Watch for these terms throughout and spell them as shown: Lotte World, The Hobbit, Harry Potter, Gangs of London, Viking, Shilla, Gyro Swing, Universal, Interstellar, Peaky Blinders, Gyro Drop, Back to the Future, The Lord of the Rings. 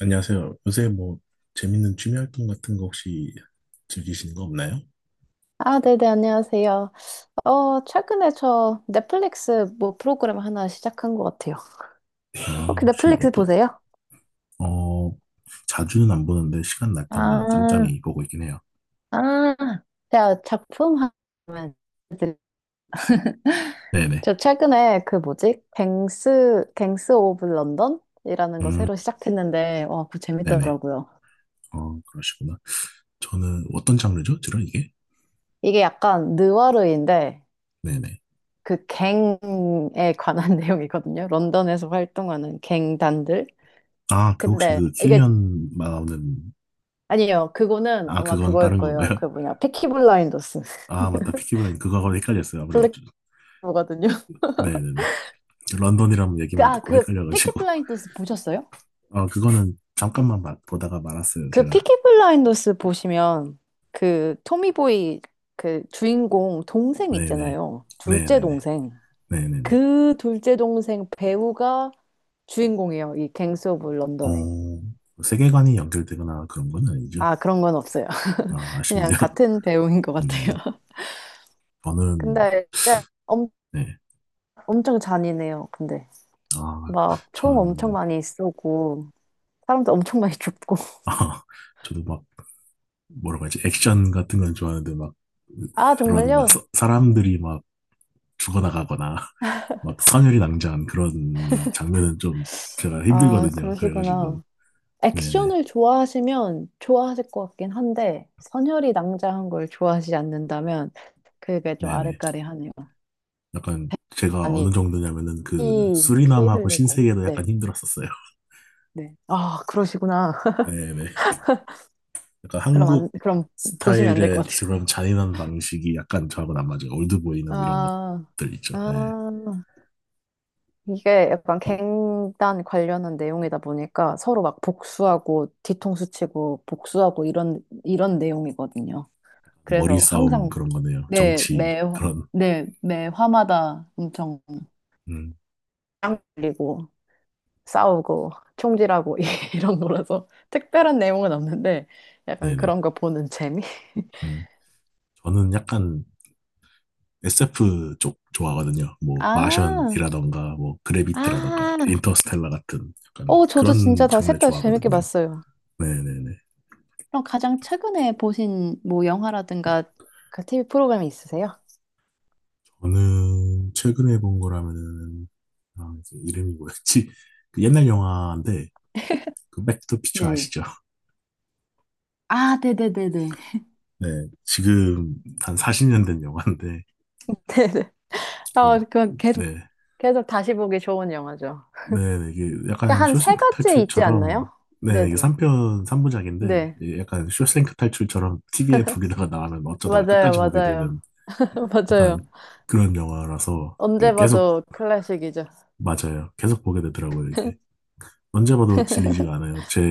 안녕하세요. 요새 뭐 재밌는 취미 활동 같은 거 혹시 즐기시는 거 없나요? 아, 네네, 안녕하세요. 최근에 저 넷플릭스 뭐 프로그램 하나 시작한 것 같아요. 아, 혹시 혹시 넷플릭스 어떤, 보세요? 어, 자주는 안 보는데 시간 날 때마다 아, 짬짬이 보고 있긴 해요. 아, 제가 작품 하면 네네. 저 최근에 그 뭐지? 갱스 오브 런던이라는 거 음, 새로 시작했는데, 와, 그거 네네. 재밌더라고요. 어, 그러시구나. 저는 어떤 장르죠? 주로 이게? 이게 약간 느와르인데, 네네. 그 갱에 관한 내용이거든요. 런던에서 활동하는 갱단들. 아, 그 혹시 근데 그 이게 킬리언 나오는, 아니요, 그거는 아, 아마 그건 그거일 다른 거예요. 건가요? 그 뭐냐, 피키 블라인더스. 아, 맞다. 피키 블라인드. 그거하고 헷갈렸어요. 아무래도. 블랙버거든요. 네네네. 런던이라는 그, 얘기만 아, 듣고 그 피키 헷갈려가지고. 블라인더스 보셨어요? 아, 그거는 잠깐만 보다가 말았어요. 그 제가. 피키 블라인더스 보시면 그 토미보이 그 주인공 동생 네네. 있잖아요. 둘째 네네네. 동생. 네네네. 그 둘째 동생 배우가 주인공이에요. 이 갱스 오브 런던에. 어, 세계관이 연결되거나 그런 건 아니죠. 아, 그런 건 없어요. 아, 그냥 아쉽네요. 같은 배우인 것 같아요. 음, 저는, 근데 진짜 엄, 네. 엄청 잔인해요. 근데 아, 막 총 엄청 저는, 많이 쏘고. 사람들 엄청 많이 죽고. 아, 저도 막, 뭐라고 하지, 액션 같은 건 좋아하는데, 막, 아, 그런, 막, 정말요? 사람들이 막 죽어나가거나, 막, 선혈이 낭자한 그런 장면은 좀 제가 아, 힘들거든요. 그래가지고, 그러시구나. 네네. 액션을 좋아하시면 좋아하실 것 같긴 한데, 선혈이 낭자한 걸 좋아하시지 않는다면, 그게 좀 네네. 아랫가리하네요. 약간, 제가 어느 아니, 정도냐면은, 피, 피 수리남하고 흘리고. 신세계도 약간 네, 힘들었었어요. 네. 아, 그러시구나. 네네. 약간 그럼 안, 한국 그럼 보시면 안 될 것 스타일의 같아요. 그런 잔인한 방식이 약간 저하고는 안 맞아요. 올드보이나 이런 아, 것들 있죠. 네. 아. 이게 약간 갱단 관련한 내용이다 보니까 서로 막 복수하고 뒤통수 치고 복수하고 이런 내용이거든요. 머리 그래서 싸움 항상 그런 거네요. 네, 정치 매, 그런. 네, 매 화마다 엄청 음, 짱 걸리고 싸우고 총질하고 이런 거라서 특별한 내용은 없는데 약간 네네. 그런 거 보는 재미? 음. 저는 약간 SF 쪽 좋아하거든요. 뭐 아, 마션이라던가 뭐 그래비티라던가 아, 인터스텔라 같은 약간 저도 진짜 그런 다 장르 셋 다 재밌게 좋아하거든요. 봤어요. 네네네. 그럼 가장 최근에 보신 뭐 영화라든가 그 TV 프로그램이 있으세요? 저는 최근에 본 거라면은 아, 이제 이름이 뭐였지? 그 옛날 영화인데 그 백투피처 네네. 아시죠? 아, 네네네네. 네, 지금 한 40년 된 영화인데, 네네. 그, 아, 네, 계속 다시 보기 좋은 영화죠. 네, 네, 이게 약간 한 세 쇼생크 가지 있지 탈출처럼, 않나요? 네, 네, 이게 네네. 3편, 3부작인데, 네. 약간 쇼생크 탈출처럼 TV에 두 개다가 나가면 어쩌다 맞아요, 끝까지 보게 맞아요. 되는 맞아요. 약간 그런 영화라서, 이게 언제 계속, 봐도 클래식이죠. 맞아요. 계속 보게 되더라고요, 이게. 언제 봐도 질리지가 않아요, 제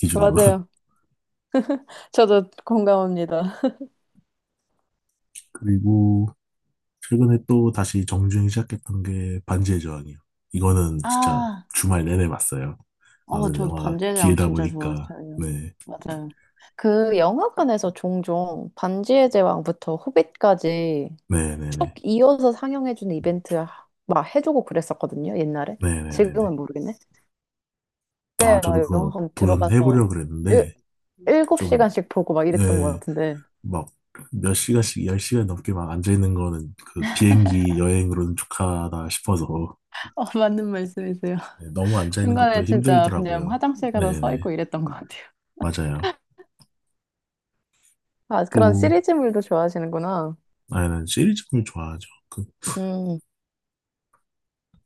기준으로는. 맞아요. 저도 공감합니다. 그리고, 최근에 또 다시 정주행 시작했던 게 반지의 저항이요. 이거는 진짜 아, 주말 내내 봤어요. 아무래도 저도 영화가 반지의 제왕 길다 진짜 보니까, 좋았어요. 네, 맞아요. 그 영화관에서 종종 반지의 제왕부터 호빗까지 쭉 네네네. 이어서 상영해주는 이벤트 막 해주고 그랬었거든요, 옛날에. 네네네네. 지금은 모르겠네. 아, 그때 막 저도 그거 영화관 들어가서 도전해보려고 그랬는데, 일, 그 좀, 7시간씩 보고 막 이랬던 것 예, 같은데. 막, 몇 시간씩, 열 시간 넘게 막 앉아있는 거는 그 비행기 여행으로는 족하다 싶어서, 맞는 말씀이세요. 네, 너무 앉아있는 것도 중간에 진짜 그냥 힘들더라고요. 화장실 가서 서 네네. 있고 이랬던 것 같아요. 맞아요. 아, 그런 또, 시리즈물도 좋아하시는구나. 아, 는 시리즈물 좋아하죠. 음,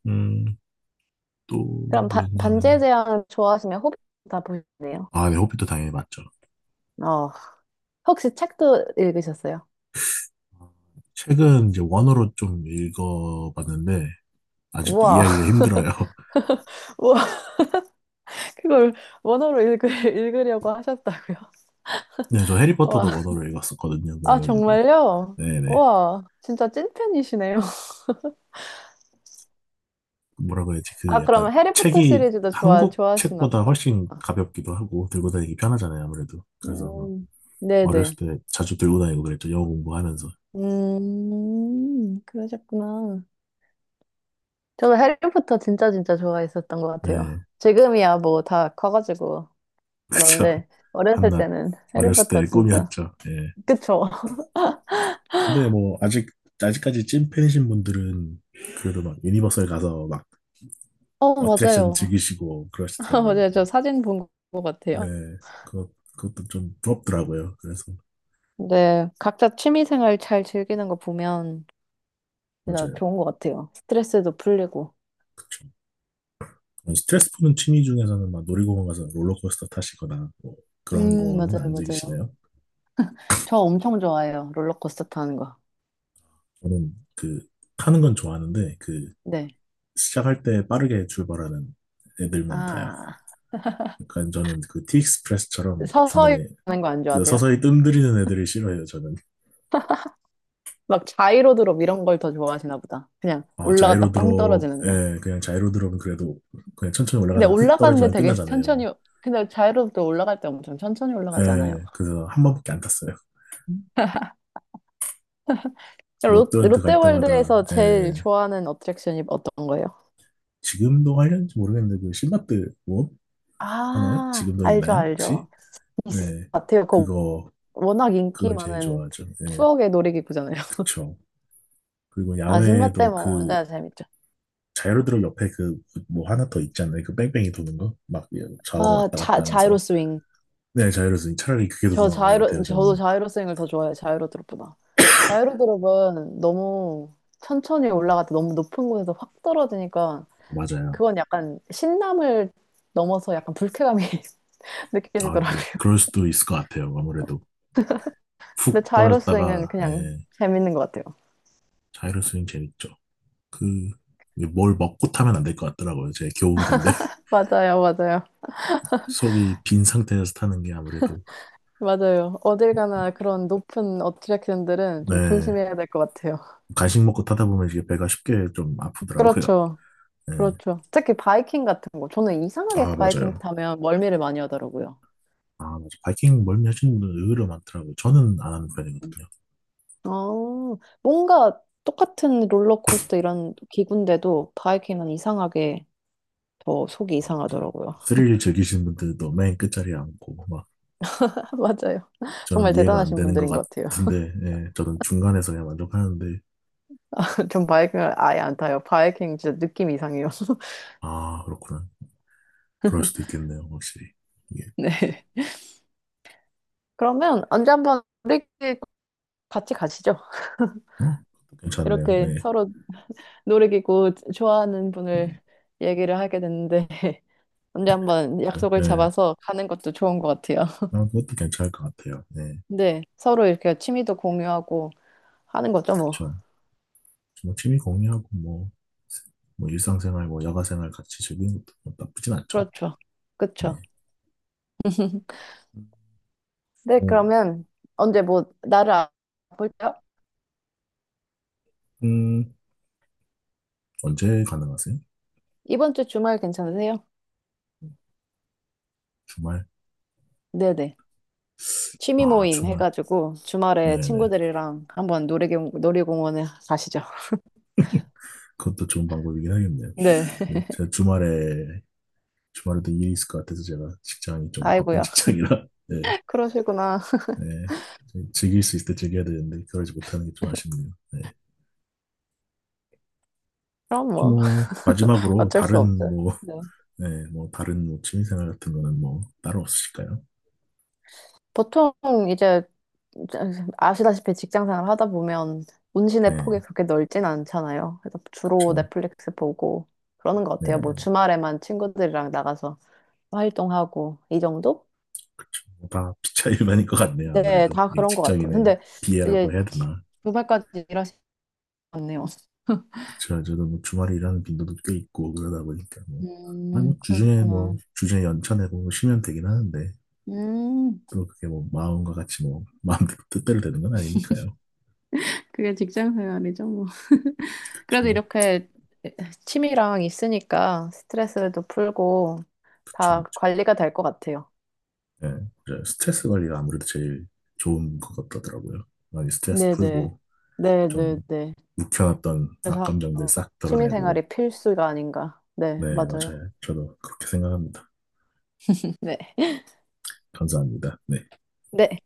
음, 또 그럼 반지의 뭐였냐면은 제왕 좋아하시면 호빗 다 보셨네요. 아, 네, 호빗도 당연히 맞죠. 어, 혹시 책도 읽으셨어요? 아, 책은 이제 원어로 좀 읽어봤는데 아직도 우와. 이해하기가 힘들어요. 우와, 그걸 원어로 읽으려고 하셨다고요? 네, 저 해리포터도 우와, 원어로 읽었었거든요. 아, 그래가지고 정말요? 네네. 우와, 진짜 찐팬이시네요. 뭐라 고 해야지 그 아, 약간 그러면 해리포터 책이 시리즈도 좋아, 한국 좋아하시나 책보다 보다. 훨씬 가볍기도 하고 들고 다니기 편하잖아요. 아무래도 그래서 뭐 음, 네네. 어렸을 때 자주 들고 다니고 그랬죠. 영어 공부하면서 그러셨구나. 저도 해리포터 진짜 진짜 좋아했었던 것 같아요. 네. 지금이야 뭐 다 커가지고. 그쵸. 그런데 어렸을 한낱 때는 어렸을 해리포터 때의 진짜. 꿈이었죠. 예. 그쵸? 근데 뭐 아직 아직까지 찐팬이신 분들은 그래도 막 유니버설 가서 막 어트랙션 맞아요. 즐기시고 그러시더라고요. 맞아요. 저 사진 본 것 네, 같아요. 그것 그것도 좀 부럽더라고요. 그래서 근데 각자 취미 생활 잘 즐기는 거 보면 진짜 맞아요, 좋은 것 같아요. 스트레스도 풀리고. 그쵸. 그런 스트레스 푸는 취미 중에서는 막 놀이공원 가서 롤러코스터 타시거나 뭐 그런 거는 맞아요, 안 맞아요. 즐기시나요? 저 엄청 좋아해요. 롤러코스터 타는 거. 저는 그 타는 건 좋아하는데 그 네. 시작할 때 빠르게 출발하는 애들만 타요. 아, 그러니까 저는 그 티익스프레스처럼 서서히 중간에 하는 거 안 좋아하세요? 서서히 뜸들이는 애들을 싫어해요. 저는. 막 자이로드롭 이런 걸 더 좋아하시나 보다. 그냥 아, 자이로 올라갔다 빵 드롭, 떨어지는 거. 예, 그냥 자이로 드롭은 그래도 그냥 천천히 근데 올라가다가 훅 올라가는데 떨어지면 되게 끝나잖아요. 천천히, 근데 자유롭게 올라갈 때 엄청 천천히 올라가지 않아요? 예, 그래서 한 번밖에 안 탔어요. 음. 롯, 롯데월드 갈 때마다, 롯데월드에서 예, 제일 좋아하는 어트랙션이 어떤 거예요? 지금도 하려는지 모르겠는데, 그 신라트 뭐 하나요? 아, 지금도 알죠, 있나요? 알죠. 혹시? 있을 네, 것 같아요. 그거 그거, 워낙 인기 그걸 제일 많은 좋아하죠. 예, 추억의 놀이기구잖아요. 그쵸. 그리고 아, 야외에도 신밧데모 그 완전 재밌죠. 자이로 드롭 옆에 그 뭐 하나 더 있잖아요. 그 뺑뺑이 도는 거? 막 좌우로 아, 왔다 갔다 자이로 하면서. 스윙. 네, 자이로 드롭 차라리 그게 더 나은 것 같아요, 저도 저는. 자이로 스윙을 더 좋아해요. 자이로 드롭보다. 자이로 드롭은 너무 천천히 올라갈 때 너무 높은 곳에서 확 떨어지니까 맞아요. 그건 약간 신남을 넘어서 약간 불쾌감이 아, 네. 느껴지더라고요. 그럴 수도 있을 것 같아요. 아무래도 훅 근데 자이로스윙은 떨어졌다가 그냥 예, 재밌는 것 같아요. 자이로 스윙 재밌죠. 그 뭘 먹고 타면 안 될 것 같더라고요. 제 교훈인데 맞아요, 맞아요. 속이 빈 상태에서 타는 게 아무래도 맞아요. 어딜 가나 그런 높은 어트랙션들은 좀 네. 조심해야 될 것 같아요. 간식 먹고 타다 보면 이게 배가 쉽게 좀 아프더라고요. 그렇죠. 예. 그렇죠. 특히 바이킹 같은 거. 저는 이상하게 아 바이킹 맞아요. 타면 멀미를 많이 하더라고요. 아 맞아. 바이킹 멀미 하시는 분들 의외로 많더라고요. 저는 안 하는 편이거든요. 뭔가 똑같은 롤러코스터 이런 기구인데도 바이킹은 이상하게 더 속이 아 맞아요. 이상하더라고요. 스릴 즐기시는 분들도 맨 끝자리에 앉고 막 맞아요. 저는 정말 이해가 안 대단하신 되는 것 분들인 것 같아요. 같은데 예, 저는 중간에서 그냥 만족하는데 전 바이킹을 아예 안 타요. 바이킹 진짜 느낌 이상해요. 아, 그렇구나. 그럴 수도 있겠네요, 확실히. 이게, 네. 그러면 언제 한번 놀이기구 같이 가시죠. 어? 그것도 괜찮네요. 이렇게 네. 서로 놀이기구 좋아하는 분을 얘기를 하게 됐는데 언제 한번 저, 약속을 네. 잡아서 가는 것도 좋은 것 같아요. 아, 그것도 괜찮을 것 같아요. 네. 네. 서로 이렇게 취미도 공유하고 하는 거죠, 뭐. 그쵸. 뭐, 취미 공유하고, 뭐, 일상생활, 뭐, 야가생활 같이 즐기는 것도 뭐 나쁘진 않죠. 그렇죠. 그렇죠. 네. 네, 뭐, 그러면 언제 뭐 나를 볼까요? 음, 언제 가능하세요? 이번 주 주말 괜찮으세요? 주말? 네네. 취미 아, 모임 주말. 해가지고 주말에 네네. 친구들이랑 한번 놀이공, 놀이공원에 가시죠. 그것도 좋은 방법이긴 하겠네요. 네. 네. 제가 주말에, 주말에도 일이 있을 것 같아서 제가 직장이 좀 바쁜 아이고야. 직장이라, 네. 그러시구나. 네. 즐길 수 있을 때 즐겨야 되는데 그러지 못하는 게 좀 아쉽네요. 네. 그럼 혹시 뭐 뭐 마지막으로 어쩔 수 다른 없죠. 뭐, 네. 네, 뭐 다른 뭐 취미생활 같은 거는 뭐 따로 없으실까요? 보통 이제 아시다시피 직장생활 하다 보면 운신의 폭이 네, 그렇게 넓진 않잖아요. 그래서 주로 그렇죠. 넷플릭스 보고 그러는 것 네, 같아요. 네, 뭐 네, 주말에만 친구들이랑 나가서 활동하고 이 정도? 그렇죠. 뭐다 피차일반인 것 같네요. 네, 아무래도 다 이 그런 것 같아요. 직장인의 근데 비애라고 이제 해야 되나? 주말까지 일하시네요. 그렇죠. 저도 뭐 주말에 일하는 빈도도 꽤 있고 그러다 보니까 뭐, 아니 뭐 주중에 그러셨구나. 뭐 주중에 연차 내고 뭐 쉬면 되긴 하는데 음, 또 그게 뭐 마음과 같이 뭐 마음대로 뜻대로 되는 건 아니니까요. 그게 직장 생활이죠, 뭐. 그래도 그렇죠, 이렇게 취미랑 있으니까 스트레스도 풀고 그렇죠, 다 그렇죠. 관리가 될 것 같아요. 예, 그래서 스트레스 관리가 아무래도 제일 좋은 것 같더라고요. 많이 스트레스 네네. 풀고, 좀 네네네. 묵혀놨던 그래서 악감정들 싹 취미 덜어내고, 생활이 필수가 아닌가. 네, 네, 맞아요. 맞아요. 저도 그렇게 생각합니다. 네. 감사합니다. 네. 네.